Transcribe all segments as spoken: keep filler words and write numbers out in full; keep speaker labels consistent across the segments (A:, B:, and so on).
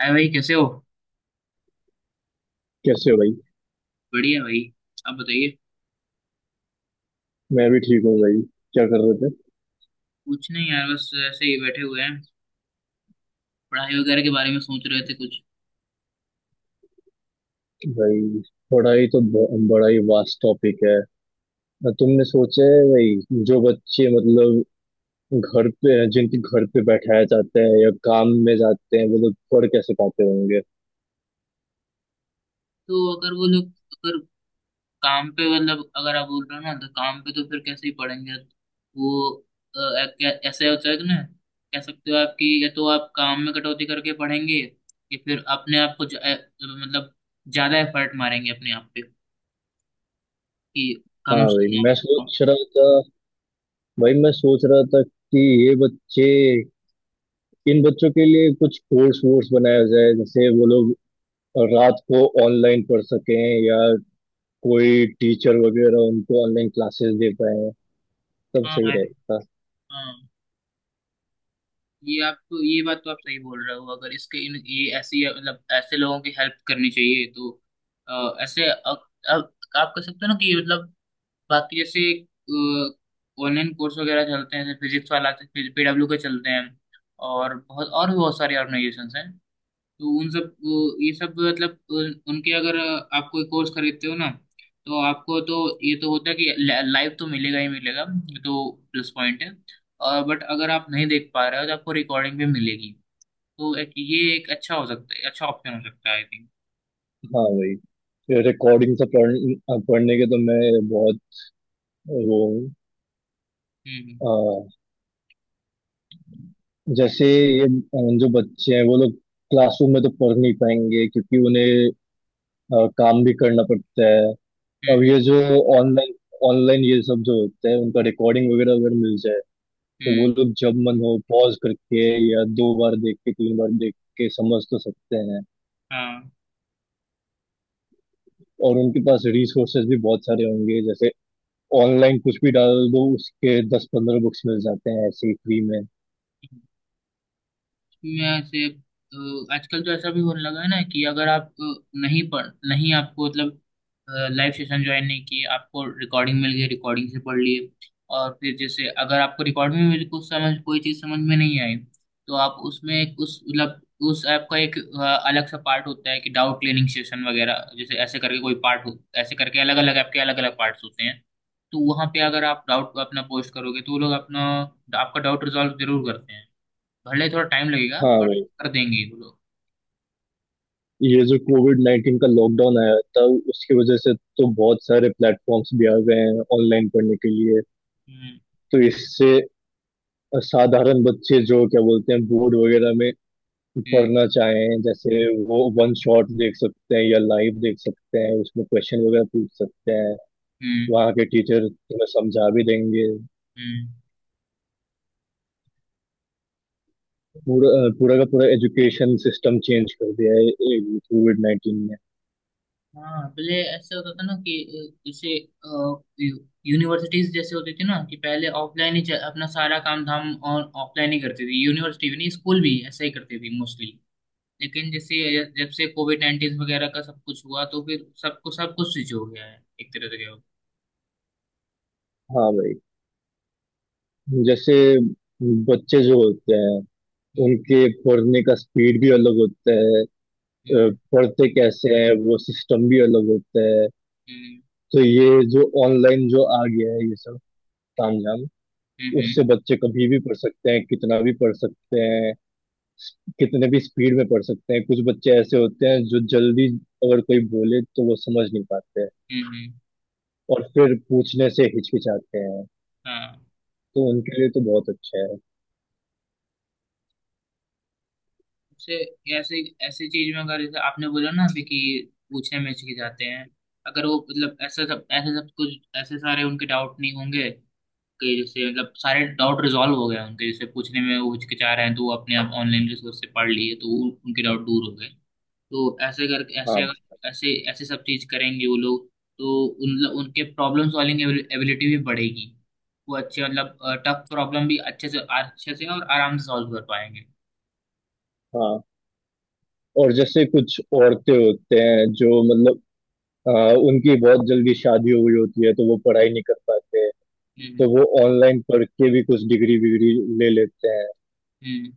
A: अरे भाई, कैसे हो?
B: कैसे हो भाई।
A: बढ़िया भाई। आप बताइए।
B: मैं भी ठीक हूँ भाई। क्या कर रहे थे?
A: कुछ नहीं यार, बस ऐसे ही बैठे हुए हैं। पढ़ाई वगैरह के बारे में सोच रहे थे कुछ।
B: भाई, पढ़ाई तो ब- बड़ा ही वास्ट टॉपिक है। अ, तुमने सोचा है भाई, जो बच्चे मतलब घर पे हैं, जिनके घर पे बैठाया जाता है या काम में जाते हैं, वो लोग पढ़ कैसे पाते होंगे।
A: तो अगर वो लोग अगर काम पे मतलब अगर आप बोल रहे हो ना, तो काम पे तो फिर कैसे ही पढ़ेंगे वो। अ, अ, क्या- ऐसे होता है कि ना, कह सकते हो आप कि या तो आप काम में कटौती करके पढ़ेंगे या फिर अपने आप को ज- अ, मतलब ज्यादा एफर्ट मारेंगे अपने आप पे कि
B: हाँ
A: कम
B: भाई,
A: से
B: मैं
A: कम।
B: सोच रहा था। भाई मैं सोच रहा था कि ये बच्चे, इन बच्चों के लिए कुछ कोर्स वोर्स बनाया जाए, जैसे वो लोग रात को ऑनलाइन पढ़ सकें या कोई टीचर वगैरह उनको ऑनलाइन क्लासेस दे पाए, सब सही
A: हाँ,
B: रहता।
A: हाँ, ये आप तो ये बात तो आप सही बोल रहे हो, अगर इसके इन ये ऐसी मतलब ऐसे लोगों की हेल्प करनी चाहिए तो अ, ऐसे अब आप कह सकते हो ना कि मतलब बाकी जैसे ऑनलाइन कोर्स वगैरह चलते हैं जैसे फिजिक्स वाला पी डब्ल्यू के चलते हैं, और बहुत और भी बहुत सारी ऑर्गेनाइजेशंस हैं। तो उन सब वो- ये सब मतलब उन- उनके अगर आप कोई कोर्स खरीदते हो ना, तो आपको तो ये तो होता है कि लाइव तो मिलेगा ही मिलेगा। ये तो प्लस पॉइंट है। और बट अगर आप नहीं देख पा रहे हो तो आपको रिकॉर्डिंग भी मिलेगी। तो एक ये एक अच्छा हो सकता है, अच्छा ऑप्शन हो सकता है आई थिंक।
B: हाँ भाई, रिकॉर्डिंग से पढ़, हाँ, पढ़ने के तो मैं बहुत वो हूँ।
A: हम्म। हम्म।
B: अ, जैसे ये अ, जो बच्चे हैं वो लोग क्लासरूम में तो पढ़ नहीं पाएंगे क्योंकि उन्हें अ, काम भी करना पड़ता है। अब
A: हम्म।
B: ये जो ऑनलाइन ऑनलाइन ये सब जो होता है, उनका रिकॉर्डिंग वगैरह अगर मिल जाए तो वो
A: हम्म।
B: लोग जब मन हो पॉज करके या दो बार देख के तीन बार देख के समझ तो सकते हैं। और उनके पास रिसोर्सेज भी बहुत सारे होंगे, जैसे ऑनलाइन कुछ भी डाल दो उसके दस पंद्रह बुक्स मिल जाते हैं ऐसे ही फ्री में।
A: हाँ, में से अ, आजकल तो ऐसा भी होने लगा है ना कि अगर आप अ, नहीं पढ़ नहीं आपको मतलब लाइव सेशन ज्वाइन नहीं किए, आपको रिकॉर्डिंग मिल गई, रिकॉर्डिंग से पढ़ लिए। और फिर जैसे अगर आपको रिकॉर्डिंग में भी कुछ समझ कोई चीज़ समझ में नहीं आई तो आप उसमें एक- उस मतलब उस ऐप का एक अ, अलग सा पार्ट होता है कि डाउट क्लियरिंग सेशन वगैरह जैसे ऐसे करके कोई पार्ट हो, ऐसे करके अलग अलग ऐप के अलग अलग पार्ट्स होते हैं। तो वहाँ पे अगर आप डाउट अपना पोस्ट करोगे तो वो लोग अपना आपका डाउट रिजॉल्व जरूर करते हैं। भले थोड़ा टाइम लगेगा
B: हाँ
A: पर
B: भाई,
A: कर देंगे वो लोग।
B: ये जो कोविड नाइन्टीन का लॉकडाउन आया था उसकी वजह से तो बहुत सारे प्लेटफॉर्म्स भी आ गए हैं ऑनलाइन पढ़ने के लिए।
A: हम्म।
B: तो इससे साधारण बच्चे जो क्या बोलते हैं बोर्ड वगैरह में
A: हम्म।
B: पढ़ना चाहें, जैसे वो वन शॉट देख सकते हैं या लाइव देख सकते हैं, उसमें क्वेश्चन वगैरह पूछ सकते हैं।
A: हम्म।
B: वहाँ के टीचर तुम्हें समझा भी देंगे।
A: हम्म।
B: पूरा, पूरा का पूरा एजुकेशन सिस्टम चेंज कर दिया है कोविड नाइन्टीन।
A: हाँ पहले ऐसे होता था ना कि अ, जैसे यूनिवर्सिटीज जैसे होती थी ना कि पहले ऑफलाइन ही च- अपना सारा काम धाम और ऑफलाइन ही करती थी, यूनिवर्सिटी भी नहीं स्कूल भी ऐसा ही करती थी मोस्टली। लेकिन जैसे ये- जब से कोविड नाइन्टीन वगैरह का सब कुछ हुआ तो फिर सबको सब कुछ स्विच हो गया है एक तरह से क्या हो।
B: हाँ भाई, जैसे बच्चे जो होते हैं
A: हम्म।
B: उनके पढ़ने का स्पीड भी अलग होता है। अ,
A: हम्म।
B: पढ़ते कैसे हैं वो सिस्टम भी अलग होता है।
A: हम्म।
B: तो ये जो ऑनलाइन जो आ गया है ये सब तामझाम,
A: हम्म।
B: उससे बच्चे कभी भी पढ़ सकते हैं, कितना भी पढ़ सकते हैं, कितने भी स्पीड में पढ़ सकते हैं। कुछ बच्चे ऐसे होते हैं जो जल्दी, अगर कोई बोले तो वो समझ नहीं पाते हैं
A: हम्म। हम्म।
B: और फिर पूछने से हिचकिचाते हैं,
A: हाँ
B: तो उनके लिए तो बहुत अच्छा है।
A: से ऐसे ऐसे चीज में अगर जैसे आपने बोला ना अभी कि पूछने में हिचके जाते हैं। अगर वो मतलब ऐसा सब ऐसे सब कुछ ऐसे सारे उनके डाउट नहीं होंगे, कि जैसे मतलब सारे डाउट रिजॉल्व हो गए उनके, जैसे पूछने में वो हिचकिचा रहे हैं तो वो अपने आप ऑनलाइन रिसोर्स से पढ़ लिए तो उन- उनके डाउट दूर हो गए। तो ऐसे कर ऐसे
B: हाँ,
A: अगर ऐसे ऐसे सब चीज करेंगे वो लोग, तो उन उनके प्रॉब्लम सॉल्विंग एबिलिटी भी बढ़ेगी। वो अच्छे मतलब टफ प्रॉब्लम भी अच्छे से अच्छे से और आराम से सॉल्व कर पाएंगे।
B: हाँ। और जैसे कुछ औरतें होते हैं जो मतलब आ, उनकी बहुत जल्दी शादी हो गई होती है तो वो पढ़ाई नहीं कर पाते हैं, तो
A: हम्म।
B: वो ऑनलाइन पढ़ के भी कुछ डिग्री विग्री ले लेते हैं,
A: हम्म।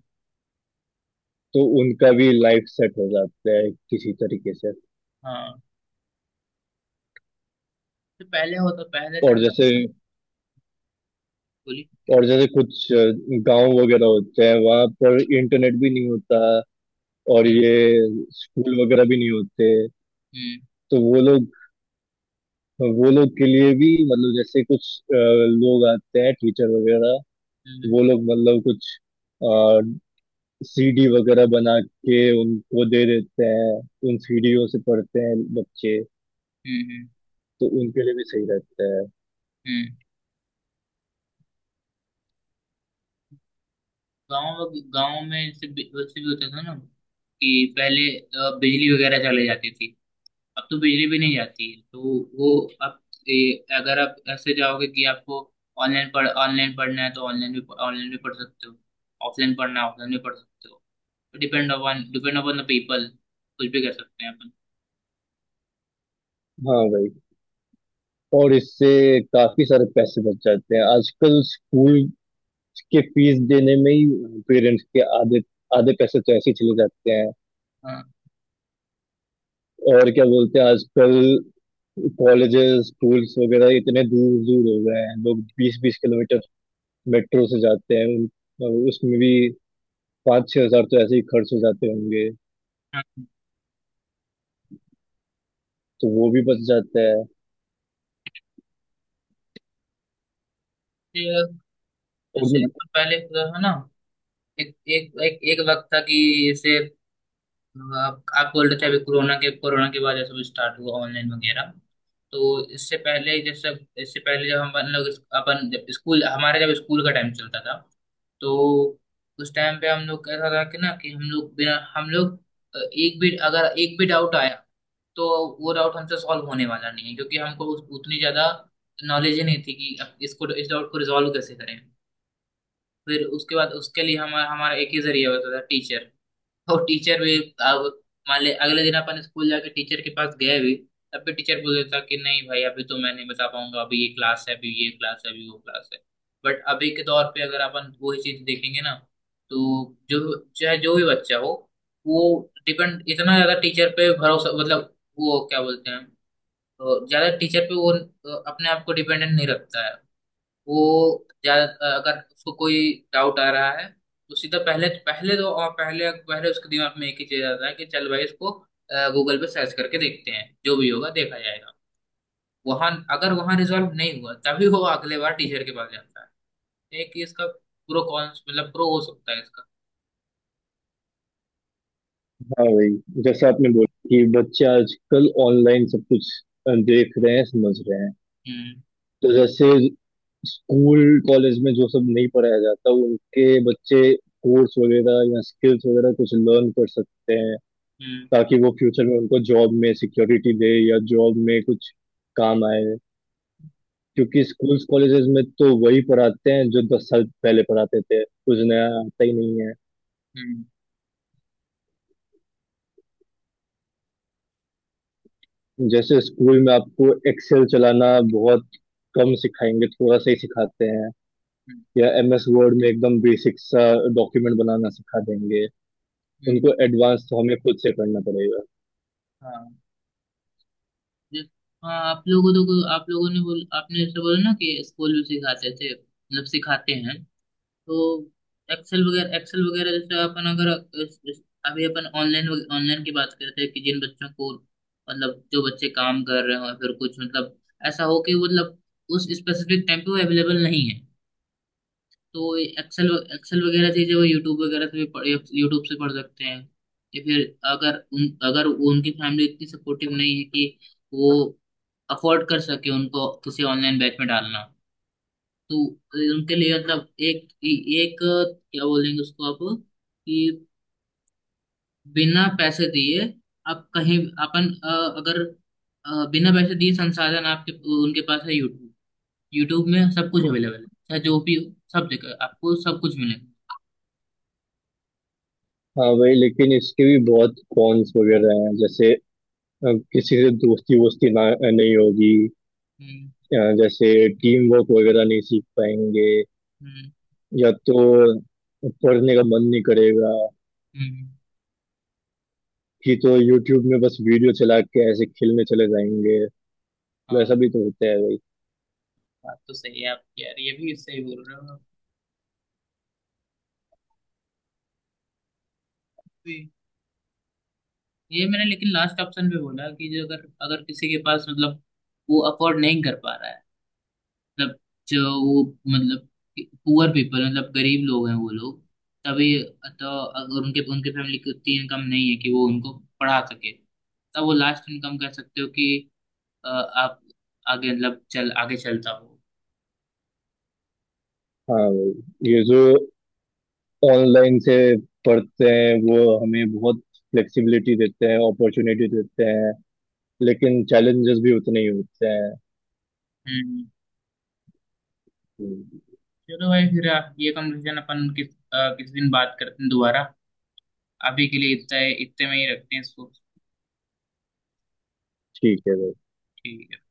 B: तो उनका भी लाइफ सेट हो जाता है किसी तरीके से।
A: हाँ, तो पहले होता पहले चल
B: और
A: रहा
B: जैसे
A: था ना, बोली।
B: और जैसे कुछ गांव वगैरह होते हैं वहां पर इंटरनेट भी नहीं होता और
A: हम्म।
B: ये स्कूल वगैरह भी नहीं होते।
A: हम्म।
B: तो वो लोग वो लोग के लिए भी मतलब जैसे कुछ अ, लोग आते हैं टीचर वगैरह,
A: हम्म।
B: वो लोग मतलब कुछ सीडी वगैरह बना के उनको दे देते हैं, उन सीडियों से पढ़ते हैं बच्चे,
A: हम्म। हम्म।
B: तो उनके लिए भी सही रहता है।
A: हम्म। गाँव गाँव में से भी- वैसे भी होता था ना कि पहले अ, बिजली वगैरह चले जाती थी। अब तो बिजली भी नहीं जाती है तो वो अब ए, अगर आप ऐसे जाओगे कि आपको ऑनलाइन पढ़ ऑनलाइन पढ़ना है तो ऑनलाइन भी ऑनलाइन भी पढ़ सकते हो। ऑफलाइन पढ़ना है ऑफलाइन भी पढ़ सकते हो। Depend upon depend upon the people, कुछ भी कर सकते हैं अपन।
B: हाँ भाई, और इससे काफी सारे पैसे बच जाते हैं। आजकल स्कूल के फीस देने में ही पेरेंट्स के आधे आधे पैसे तो ऐसे ही चले जाते हैं।
A: हाँ।
B: और क्या बोलते हैं, आजकल कॉलेजेस स्कूल्स वगैरह इतने दूर दूर हो गए हैं, लोग बीस बीस किलोमीटर मेट्रो से जाते हैं, उन- उसमें भी पाँच छह हजार तो ऐसे ही खर्च हो जाते होंगे।
A: हाँ।
B: तो वो भी बच जाता है।
A: ये
B: और
A: जैसे
B: मैं,
A: अपन पहले होता था ना, एक एक एक एक वक्त था कि जैसे आप आप बोल रहे थे अभी, कोरोना के कोरोना के बाद ये सब स्टार्ट हुआ ऑनलाइन वगैरह। तो इससे पहले जब सब इससे पहले जब हम अपन लोग अपन जब स्कूल हमारे जब स्कूल का टाइम चलता था तो उस टाइम पे हम लोग कैसा था कि ना कि हम लोग बिना हम लोग अ, एक भी अगर एक भी डाउट आया तो वो डाउट हमसे सॉल्व होने वाला नहीं है क्योंकि हमको उस- उतनी ज्यादा नॉलेज ही नहीं थी कि अब इसको इस डाउट को रिजॉल्व कैसे करें। फिर उसके बाद उसके लिए हमारा हमारा एक ही जरिया होता था टीचर। और टीचर भी अब मान ले अगले दिन अपन स्कूल जाके टीचर के पास गए भी, तब भी टीचर बोल देता कि नहीं भाई अभी तो मैं नहीं बता पाऊंगा, अभी ये क्लास है अभी ये क्लास है अभी वो क्लास है। बट अभी के दौर पे अगर अपन वही चीज देखेंगे ना तो जो चाहे जो भी बच्चा हो वो डिपेंड इतना ज्यादा टीचर पे भरोसा मतलब वो क्या बोलते हैं अ, ज्यादा टीचर पे वो अ, अपने आप को डिपेंडेंट नहीं रखता है। वो ज्या- अगर उसको कोई डाउट आ रहा है तो सीधा पहले पहले तो और पहले पहले उसके दिमाग में एक ही चीज आता है कि चल भाई इसको गूगल पे सर्च करके देखते हैं, जो भी होगा देखा जाएगा। वहां अगर वहां रिजॉल्व नहीं हुआ तभी वो अगले बार टीचर के पास जाता है। एक ये इसका प्रो कॉन्स मतलब प्रो हो सकता है इसका।
B: हाँ भाई, जैसे आपने बोला कि बच्चे आजकल ऑनलाइन सब कुछ अ, देख रहे हैं समझ रहे हैं।
A: हम्म।
B: तो जैसे स्कूल कॉलेज में जो सब नहीं पढ़ाया जाता उनके, बच्चे कोर्स वगैरह या स्किल्स वगैरह कुछ लर्न कर सकते हैं
A: हम्म।
B: ताकि वो फ्यूचर में उनको जॉब में सिक्योरिटी दे या जॉब में कुछ काम आए। क्योंकि स्कूल्स कॉलेजेस में तो वही पढ़ाते हैं जो दस साल पहले पढ़ाते थे, कुछ नया आता ही नहीं है।
A: हम्म।
B: जैसे स्कूल में आपको एक्सेल चलाना बहुत कम सिखाएंगे, थोड़ा सा ही सिखाते हैं,
A: हम्म।
B: या एमएस वर्ड में एकदम बेसिक सा डॉक्यूमेंट बनाना सिखा देंगे।
A: हम्म।
B: उनको एडवांस तो हमें खुद से करना पड़ेगा।
A: हाँ, जिस- हाँ आप लोगों तो आप लोगों ने बोल आपने ऐसे बोला ना कि स्कूल में सिखाते थे मतलब सिखाते हैं। तो एक्सेल वगैरह एक्सेल वगैरह जैसे अपन अगर इस- इस- अभी अपन ऑनलाइन ऑनलाइन की बात करते हैं कि जिन बच्चों को मतलब जो बच्चे काम कर रहे हो या फिर कुछ मतलब ऐसा हो कि वो मतलब उस स्पेसिफिक टाइम पे वो अवेलेबल नहीं है तो एक्सेल एक्सेल वगैरह चीजें वो यूट्यूब वगैरह से भी पढ़ यूट्यूब से पढ़ सकते हैं। या फिर अगर उन अगर वो उनकी फैमिली इतनी सपोर्टिव नहीं है कि वो अफोर्ड कर सके उनको किसी ऑनलाइन बैच में डालना, तो उनके लिए मतलब एक एक क्या बोलेंगे उसको आप कि बिना पैसे दिए आप कहीं अपन अ, अगर अ, बिना पैसे दिए संसाधन आपके उनके पास है यूट्यूब। यूट्यूब में सब कुछ अवेलेबल है, चाहे जो भी हो सब जगह आपको सब कुछ मिलेगा।
B: हाँ वही, लेकिन इसके भी बहुत कॉन्स वगैरह हैं। जैसे अ, किसी से दोस्ती वोस्ती ना नहीं होगी।
A: हम्म।
B: अ, जैसे टीम वर्क वगैरह नहीं सीख पाएंगे।
A: हम्म।
B: या तो पढ़ने का मन नहीं करेगा,
A: हम्म।
B: कि तो यूट्यूब में बस वीडियो चला के ऐसे खेलने चले जाएंगे,
A: हाँ,
B: वैसा भी तो होता है भाई।
A: बात तो सही है आपकी यार, ये भी सही बोल रहे हो आप भी। ये मैंने लेकिन लास्ट ऑप्शन पे बोला कि जो अगर अगर किसी के पास मतलब वो अफोर्ड नहीं कर पा रहा है, मतलब जो वो मतलब पुअर पीपल मतलब गरीब लोग हैं वो लोग, तभी तो अगर उनके उनके फैमिली की उतनी इनकम नहीं है कि वो उनको पढ़ा सके, तब वो लास्ट इनकम कर सकते हो कि अ, आप आगे मतलब चल आगे चलता हो।
B: हाँ भाई, ये जो ऑनलाइन से पढ़ते हैं वो हमें बहुत फ्लेक्सिबिलिटी देते हैं, अपॉर्चुनिटी देते हैं, लेकिन चैलेंजेस भी उतने ही होते हैं।
A: हम्म।
B: हम्म।
A: चलो भाई, फिर आप ये कन्वर्सेशन अपन किस अ, किस दिन बात करते हैं दोबारा। अभी के लिए इतना है, इतने में ही रखते हैं इसको।
B: ठीक है भाई।
A: ठीक है।